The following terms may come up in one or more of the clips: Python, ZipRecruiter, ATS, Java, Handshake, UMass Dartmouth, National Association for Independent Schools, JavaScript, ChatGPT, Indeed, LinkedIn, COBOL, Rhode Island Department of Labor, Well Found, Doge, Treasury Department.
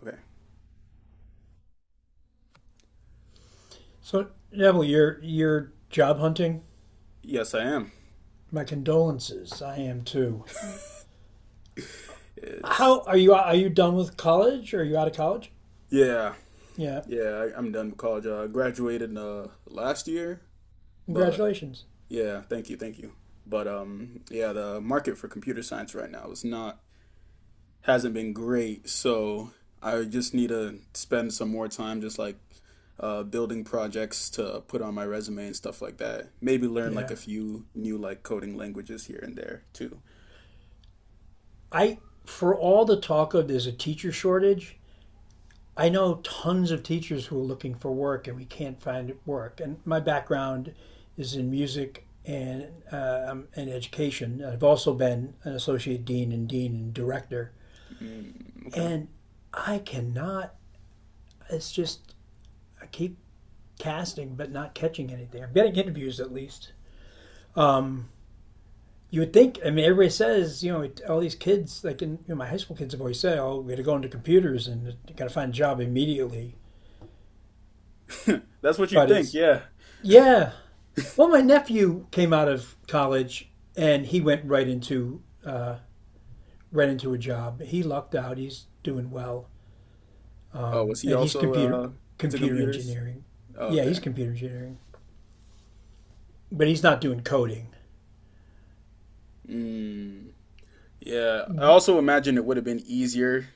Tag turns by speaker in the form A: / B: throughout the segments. A: Okay.
B: So Neville, you're job hunting.
A: Yes, I am.
B: My condolences. I am too.
A: It's
B: How are you? Are you done with college? Or are you out of college?
A: yeah,
B: Yeah.
A: yeah. I'm done with college. I graduated last year, but
B: Congratulations.
A: yeah, thank you, thank you. But yeah, the market for computer science right now is not hasn't been great, so I just need to spend some more time just like building projects to put on my resume and stuff like that. Maybe learn like
B: Yeah.
A: a few new like coding languages here and there too.
B: I for all the talk of there's a teacher shortage, I know tons of teachers who are looking for work and we can't find work. And my background is in music and education. I've also been an associate dean and dean and director.
A: Mm, okay.
B: And I cannot. It's just I keep casting but not catching anything. I'm getting interviews at least. Um, you would think. I mean, everybody says all these kids, like, my high school kids have always said, "Oh, we got to go into computers and you got to find a job immediately."
A: That's what you
B: But
A: think,
B: it's
A: yeah.
B: yeah. Well, my nephew came out of college and he went right into a job. He lucked out. He's doing well,
A: Oh, was he
B: and he's
A: also
B: computer
A: into
B: computer
A: computers?
B: engineering.
A: Oh,
B: Yeah, he's
A: okay.
B: computer engineering, but he's not doing coding.
A: Mm, yeah. I also imagine it would have been easier.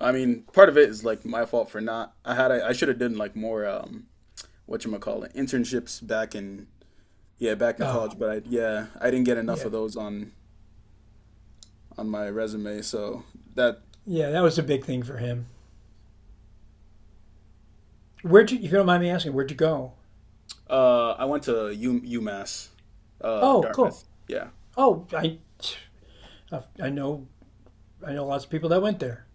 A: I mean, part of it is like my fault for not. I should have done like more whatchamacallit internships back in yeah, back in
B: Oh,
A: college, but I didn't get enough
B: yeah,
A: of those on my resume. So that
B: yeah. That was a big thing for him. If you don't mind me asking, where'd you go?
A: I went to U UMass,
B: Oh, cool.
A: Dartmouth. Yeah.
B: Oh, I, I know, I know lots of people that went there.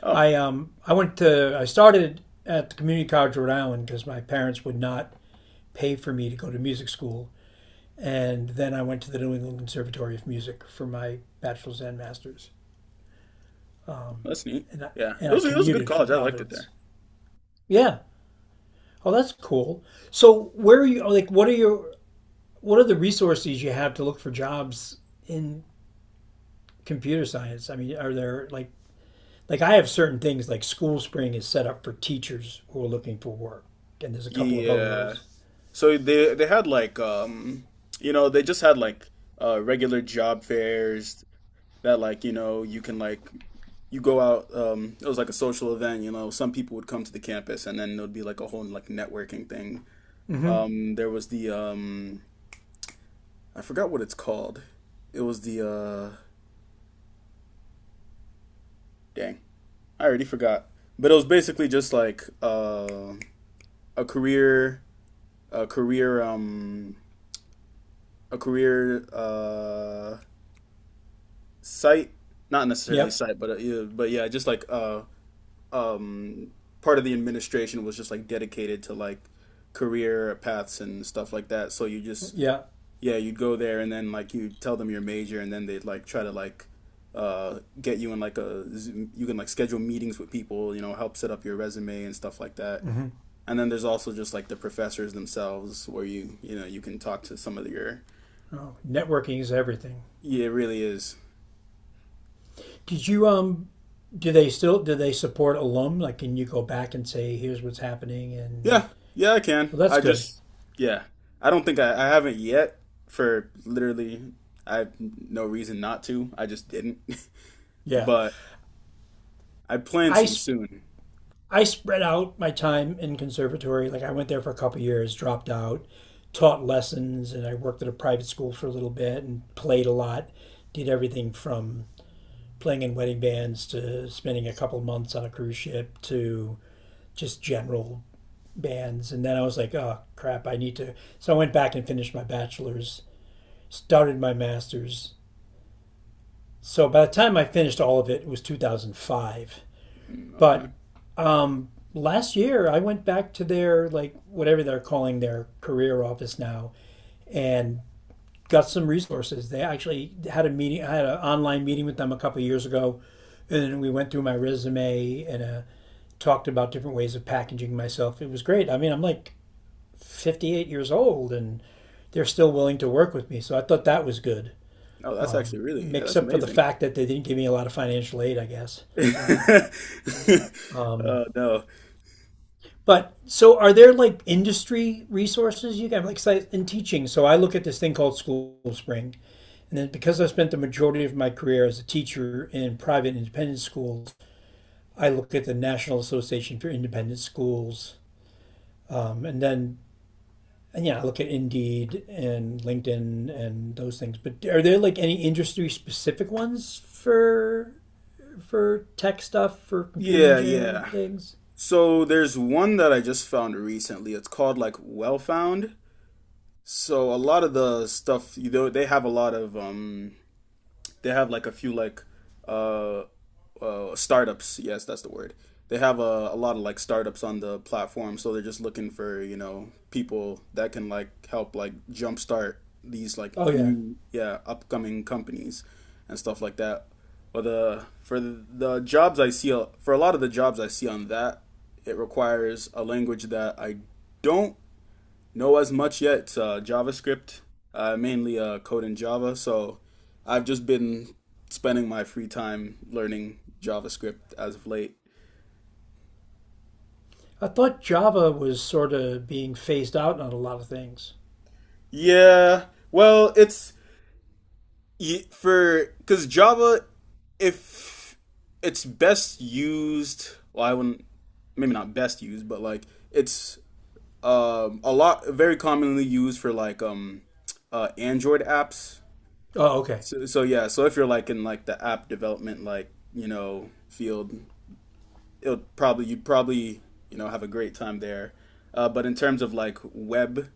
A: Oh,
B: I started at the Community College of Rhode Island because my parents would not pay for me to go to music school, and then I went to the New England Conservatory of Music for my bachelor's and master's,
A: that's neat.
B: and I,
A: Yeah. It
B: and I
A: was it was a good
B: commuted from
A: college. I liked it
B: Providence.
A: there.
B: Yeah. Oh, that's cool. So, where are you? Oh, Like, what are the resources you have to look for jobs in computer science? I mean, are there like I have certain things like School Spring is set up for teachers who are looking for work, and there's a couple of other
A: Yeah.
B: those.
A: So they had like you know they just had like regular job fairs that like you know you can like you go out it was like a social event you know some people would come to the campus and then there'd be like a whole like networking thing
B: Mm-hmm.
A: there was the I forgot what it's called it was the dang I already forgot but it was basically just like a career a career um a career site, not necessarily
B: Yep,
A: site, but yeah, but yeah, just like um part of the administration was just like dedicated to like career paths and stuff like that. So you just
B: yeah.
A: yeah, you'd go there and then like you tell them your major and then they'd like try to like get you in like a Zoom- you can like schedule meetings with people, you know, help set up your resume and stuff like that.
B: Mm-hmm.
A: And then there's also just like the professors themselves where you know, you can talk to some of your
B: Oh, networking is everything.
A: yeah, it really is.
B: Did you um? Do they still do they support alum? Like, can you go back and say, here's what's happening? And
A: Yeah, yeah, I can.
B: well, that's good.
A: Yeah, I don't think I haven't yet for literally, I have no reason not to. I just didn't,
B: Yeah,
A: but I plan
B: I
A: to soon.
B: I spread out my time in conservatory. Like, I went there for a couple of years, dropped out, taught lessons, and I worked at a private school for a little bit and played a lot. Did everything from playing in wedding bands to spending a couple months on a cruise ship to just general bands. And then I was like, oh crap, I need to. So I went back and finished my bachelor's, started my master's. So by the time I finished all of it, it was 2005.
A: Mm,
B: But
A: okay.
B: last year, I went back to their, like, whatever they're calling their career office now, and got some resources. They actually had a meeting, I had an online meeting with them a couple of years ago, and we went through my resume and a talked about different ways of packaging myself. It was great. I mean, I'm like 58 years old and they're still willing to work with me. So I thought that was good,
A: Oh, that's actually really, yeah, that's
B: except for the
A: amazing.
B: fact that they didn't give me a lot of financial aid, I guess. Um,
A: Oh, no.
B: but so are there like industry resources you can like in teaching? So I look at this thing called School Spring. And then because I spent the majority of my career as a teacher in private independent schools, I look at the National Association for Independent Schools. Um, and then And yeah, I look at Indeed and LinkedIn and those things. But are there like any industry specific ones for tech stuff for computer
A: Yeah,
B: engineering
A: yeah.
B: things?
A: So there's one that I just found recently. It's called like Well Found. So a lot of the stuff, you know, they have a lot of they have like a few like uh. Startups. Yes, that's the word. They have a lot of like startups on the platform, so they're just looking for, you know, people that can like help like jumpstart these like
B: Oh yeah,
A: new, yeah, upcoming companies and stuff like that. But the for the, the jobs I see for a lot of the jobs I see on that, it requires a language that I don't know as much yet. JavaScript, mainly code in Java. So I've just been spending my free time learning JavaScript as of late.
B: I thought Java was sort of being phased out on a lot of things.
A: Yeah, well, it's for because Java, if it's best used, well, I wouldn't maybe not best used, but like it's a lot very commonly used for like Android apps.
B: Oh okay.
A: So, so yeah, so if you're like in like the app development like, you know, field, it'll probably you'd probably, you know, have a great time there. But in terms of like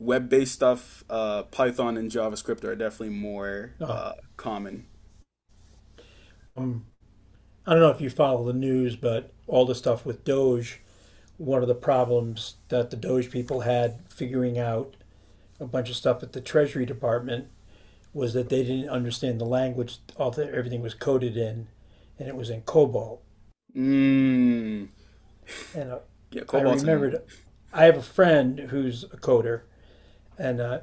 A: web-based stuff, Python and JavaScript are definitely more
B: No,
A: common.
B: um, I don't know if you follow the news, but all the stuff with Doge, one of the problems that the Doge people had figuring out a bunch of stuff at the Treasury Department was that they didn't understand the language. Everything was coded in, and it was in COBOL.
A: Mm,
B: And
A: yeah,
B: I
A: Cobalt and
B: remembered, I have a friend who's a coder, and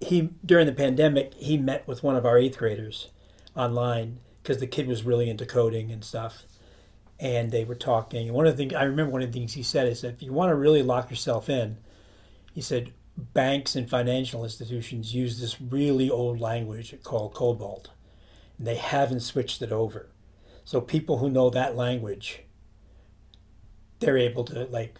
B: he during the pandemic he met with one of our eighth graders online because the kid was really into coding and stuff, and they were talking. And one of the things I remember, one of the things he said is that if you want to really lock yourself in, he said banks and financial institutions use this really old language called COBOL, and they haven't switched it over. So people who know that language, they're able to like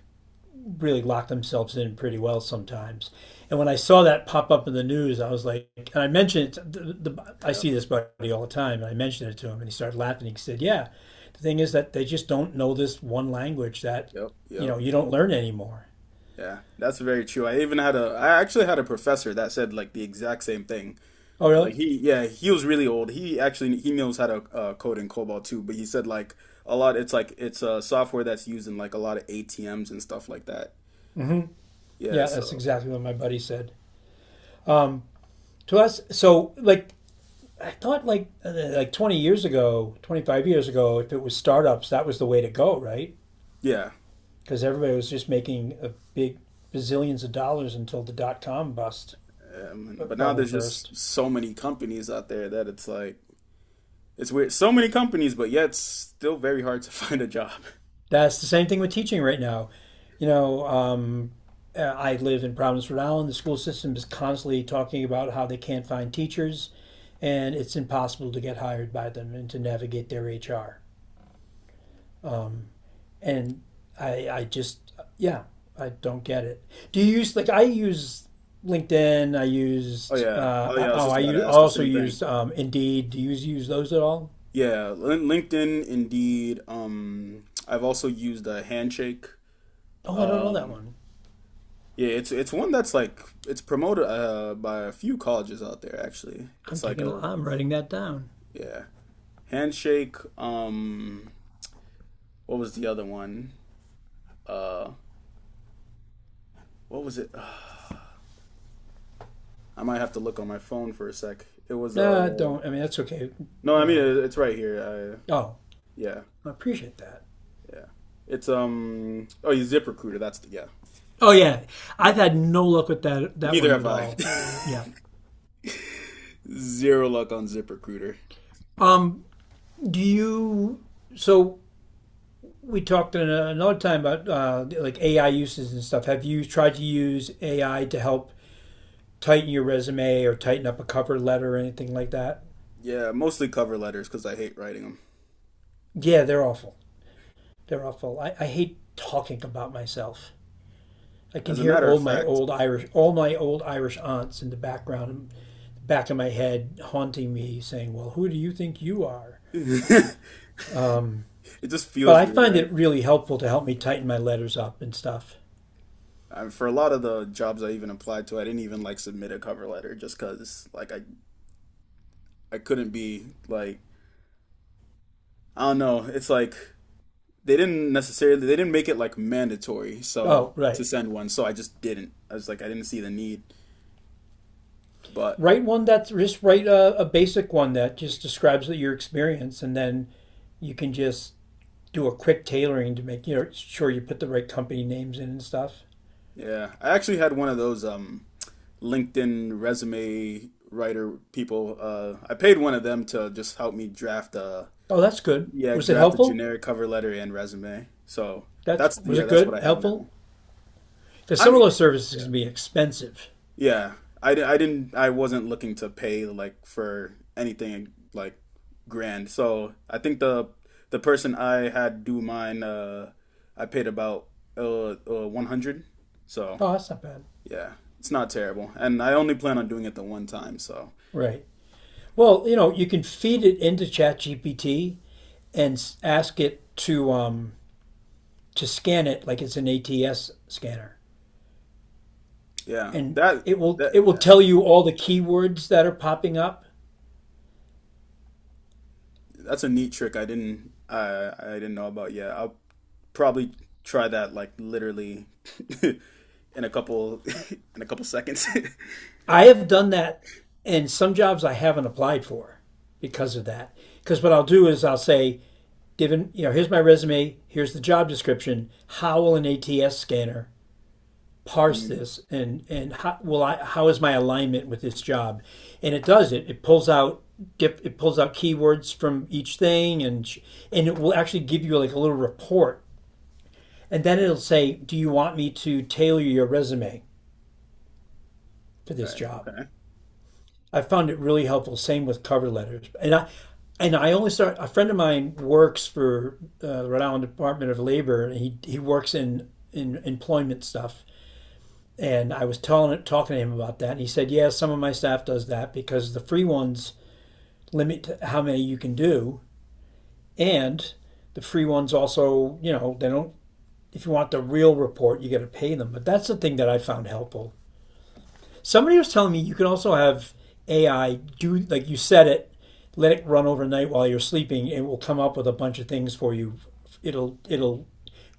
B: really lock themselves in pretty well sometimes. And when I saw that pop up in the news, I was like, and I mentioned it. I
A: yep,
B: see this buddy all the time, and I mentioned it to him, and he started laughing. He said, "Yeah, the thing is that they just don't know this one language that,
A: yep,
B: you
A: yep.
B: know, you don't learn anymore."
A: Yeah, that's very true. I actually had a professor that said like the exact same thing.
B: Oh, really?
A: Like he, yeah, he was really old. He knows how to code in COBOL too, but he said like a lot. It's like it's software that's used in like a lot of ATMs and stuff like that.
B: Mm-hmm.
A: Yeah,
B: Yeah, that's
A: so
B: exactly what my buddy said. Um, so I thought, like 20 years ago, 25 years ago, if it was startups, that was the way to go, right?
A: yeah,
B: Because everybody was just making a big bazillions of dollars until .com
A: but now
B: bubble
A: there's
B: burst.
A: just so many companies out there that it's like it's weird. So many companies, but yet still very hard to find a job.
B: That's the same thing with teaching right now. You know, I live in Providence, Rhode Island. The school system is constantly talking about how they can't find teachers, and it's impossible to get hired by them and to navigate their HR. And I just yeah I don't get it. Do you use like I use LinkedIn? I
A: Oh
B: used
A: yeah, oh yeah.
B: I-
A: I was
B: oh
A: just
B: I
A: about to
B: use,
A: ask the
B: also
A: same thing.
B: used Indeed. Do you use those at all?
A: Yeah, LinkedIn, Indeed. I've also used a Handshake.
B: Oh, I don't know that
A: Um,
B: one.
A: Yeah, it's one that's like it's promoted by a few colleges out there actually. It's like a
B: I'm writing that down.
A: yeah. Handshake, what was the other one? Uh what was it? I might have to look on my phone for a sec. It was
B: Nah, don't. I mean that's okay.
A: no, I
B: You
A: mean
B: know.
A: it's right here.
B: Oh,
A: Yeah,
B: I appreciate that.
A: yeah. It's oh, you ZipRecruiter, that's the yeah.
B: Oh yeah, I've had no luck with that
A: Neither
B: one
A: have
B: at
A: I.
B: all. Yeah.
A: Zero luck on ZipRecruiter.
B: Um. Do you so We talked in another time about like AI uses and stuff. Have you tried to use AI to help tighten your resume or tighten up a cover letter or anything like that?
A: Yeah, mostly cover letters because I hate writing them.
B: Yeah, they're awful. They're awful. I hate talking about myself. I can
A: As a
B: hear
A: matter of
B: all my
A: fact,
B: old Irish, all my old Irish aunts in the background, back of my head, haunting me, saying, "Well, who do you think you are?" Um,
A: it just
B: but
A: feels
B: I
A: weird,
B: find
A: right?
B: it really helpful to help me tighten my letters up and stuff.
A: I, for a lot of the jobs I even applied to, I didn't even like submit a cover letter just because, like I couldn't be like I don't know. It's like they didn't make it like mandatory so
B: Oh,
A: to
B: right.
A: send one, so I just didn't. I was like I didn't see the need, but
B: Write one that's just write a basic one that just describes your experience and then you can just do a quick tailoring to make, you know, sure you put the right company names in and stuff.
A: yeah, I actually had one of those LinkedIn resume writer people. I paid one of them to just help me draft a
B: Oh, that's good,
A: yeah,
B: was it
A: draft a
B: helpful?
A: generic cover letter and resume. So
B: That's
A: that's
B: Was
A: yeah,
B: it
A: that's what
B: good,
A: I have
B: helpful?
A: now.
B: Because some
A: I'm
B: of those services
A: yeah,
B: can be expensive.
A: yeah. I didn't I wasn't looking to pay like for anything like grand. So I think the person I had do mine, I paid about 100. So
B: Oh, that's not bad.
A: yeah, it's not terrible, and I only plan on doing it the one time. So
B: Right. Well, you know, you can feed it into ChatGPT and ask it to scan it like it's an ATS scanner,
A: yeah,
B: and it will
A: that
B: tell you all the keywords that are popping up.
A: that's a neat trick I didn't know about yet. I'll probably try that like literally in a couple in a couple seconds.
B: I have done that, and some jobs I haven't applied for because of that. Because what I'll do is I'll say, given, you know, here's my resume, here's the job description. How will an ATS scanner parse
A: Mm,
B: this, and how will I? How is my alignment with this job? And it does it. It pulls out dip. It pulls out keywords from each thing, and it will actually give you like a little report. And then it'll say, do you want me to tailor your resume for this
A: right.
B: job?
A: Okay.
B: I found it really helpful. Same with cover letters. And I only start, A friend of mine works for the Rhode Island Department of Labor, and he works in employment stuff. And I was talking to him about that, and he said, yeah, some of my staff does that because the free ones limit how many you can do. And the free ones also, you know, they don't, if you want the real report, you got to pay them. But that's the thing that I found helpful. Somebody was telling me you can also have AI do, like, you set it, let it run overnight while you're sleeping, and it will come up with a bunch of things for you. It'll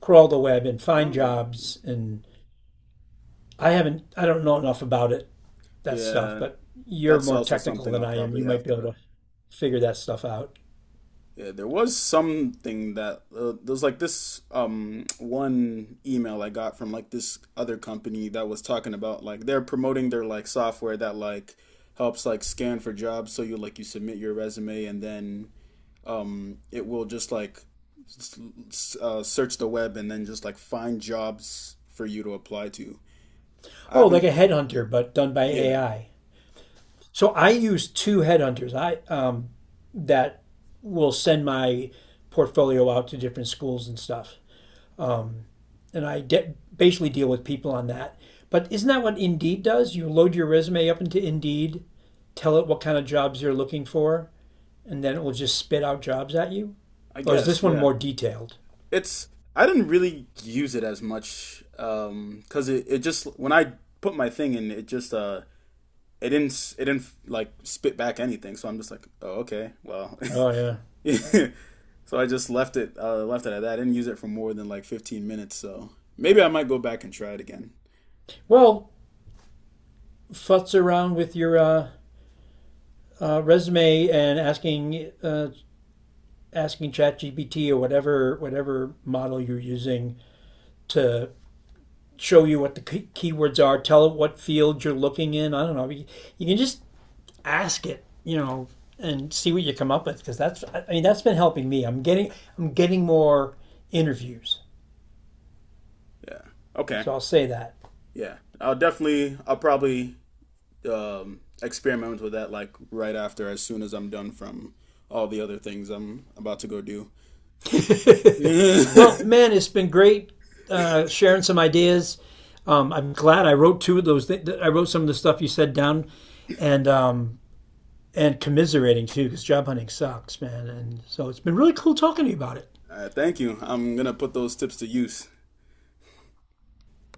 B: crawl the web and find
A: Oh.
B: jobs and I don't know enough about that stuff,
A: Yeah,
B: but you're
A: that's
B: more
A: also
B: technical
A: something
B: than
A: I'll
B: I am.
A: probably
B: You might
A: have
B: be
A: to.
B: able to figure that stuff out.
A: Yeah, there was something that there was like this one email I got from like this other company that was talking about like they're promoting their like software that like helps like scan for jobs so you like you submit your resume and then it will just like search the web and then just like find jobs for you to apply to. I
B: Oh, like
A: haven't,
B: a
A: y-
B: headhunter, but done by
A: yeah,
B: AI. So I use two headhunters. I That will send my portfolio out to different schools and stuff. Um, Basically deal with people on that. But isn't that what Indeed does? You load your resume up into Indeed, tell it what kind of jobs you're looking for, and then it will just spit out jobs at you.
A: I
B: Or is this
A: guess,
B: one
A: yeah.
B: more detailed?
A: It's, I didn't really use it as much 'cause it just when I put my thing in, it just it didn't like spit back anything. So I'm just like, oh, okay, well.
B: Oh yeah.
A: So I just left it at that. I didn't use it for more than like 15 minutes, so maybe I might go back and try it again.
B: Well, futz around with your resume and asking ChatGPT or whatever model you're using to show you what the keywords are. Tell it what field you're looking in. I don't know. You can just ask it, you know, and see what you come up with because that's I mean that's been helping me. I'm getting more interviews,
A: Yeah. Okay.
B: so I'll say that.
A: Yeah, I'll definitely, I'll probably experiment with that like right after, as soon as I'm done from all the other things I'm about to go do.
B: Well,
A: All
B: man, it's been great sharing some ideas. I'm glad I wrote two of those. I wrote some of the stuff you said down, and um, and commiserating too because job hunting sucks, man. And so it's been really cool talking to you about it.
A: right, thank you. I'm gonna put those tips to use.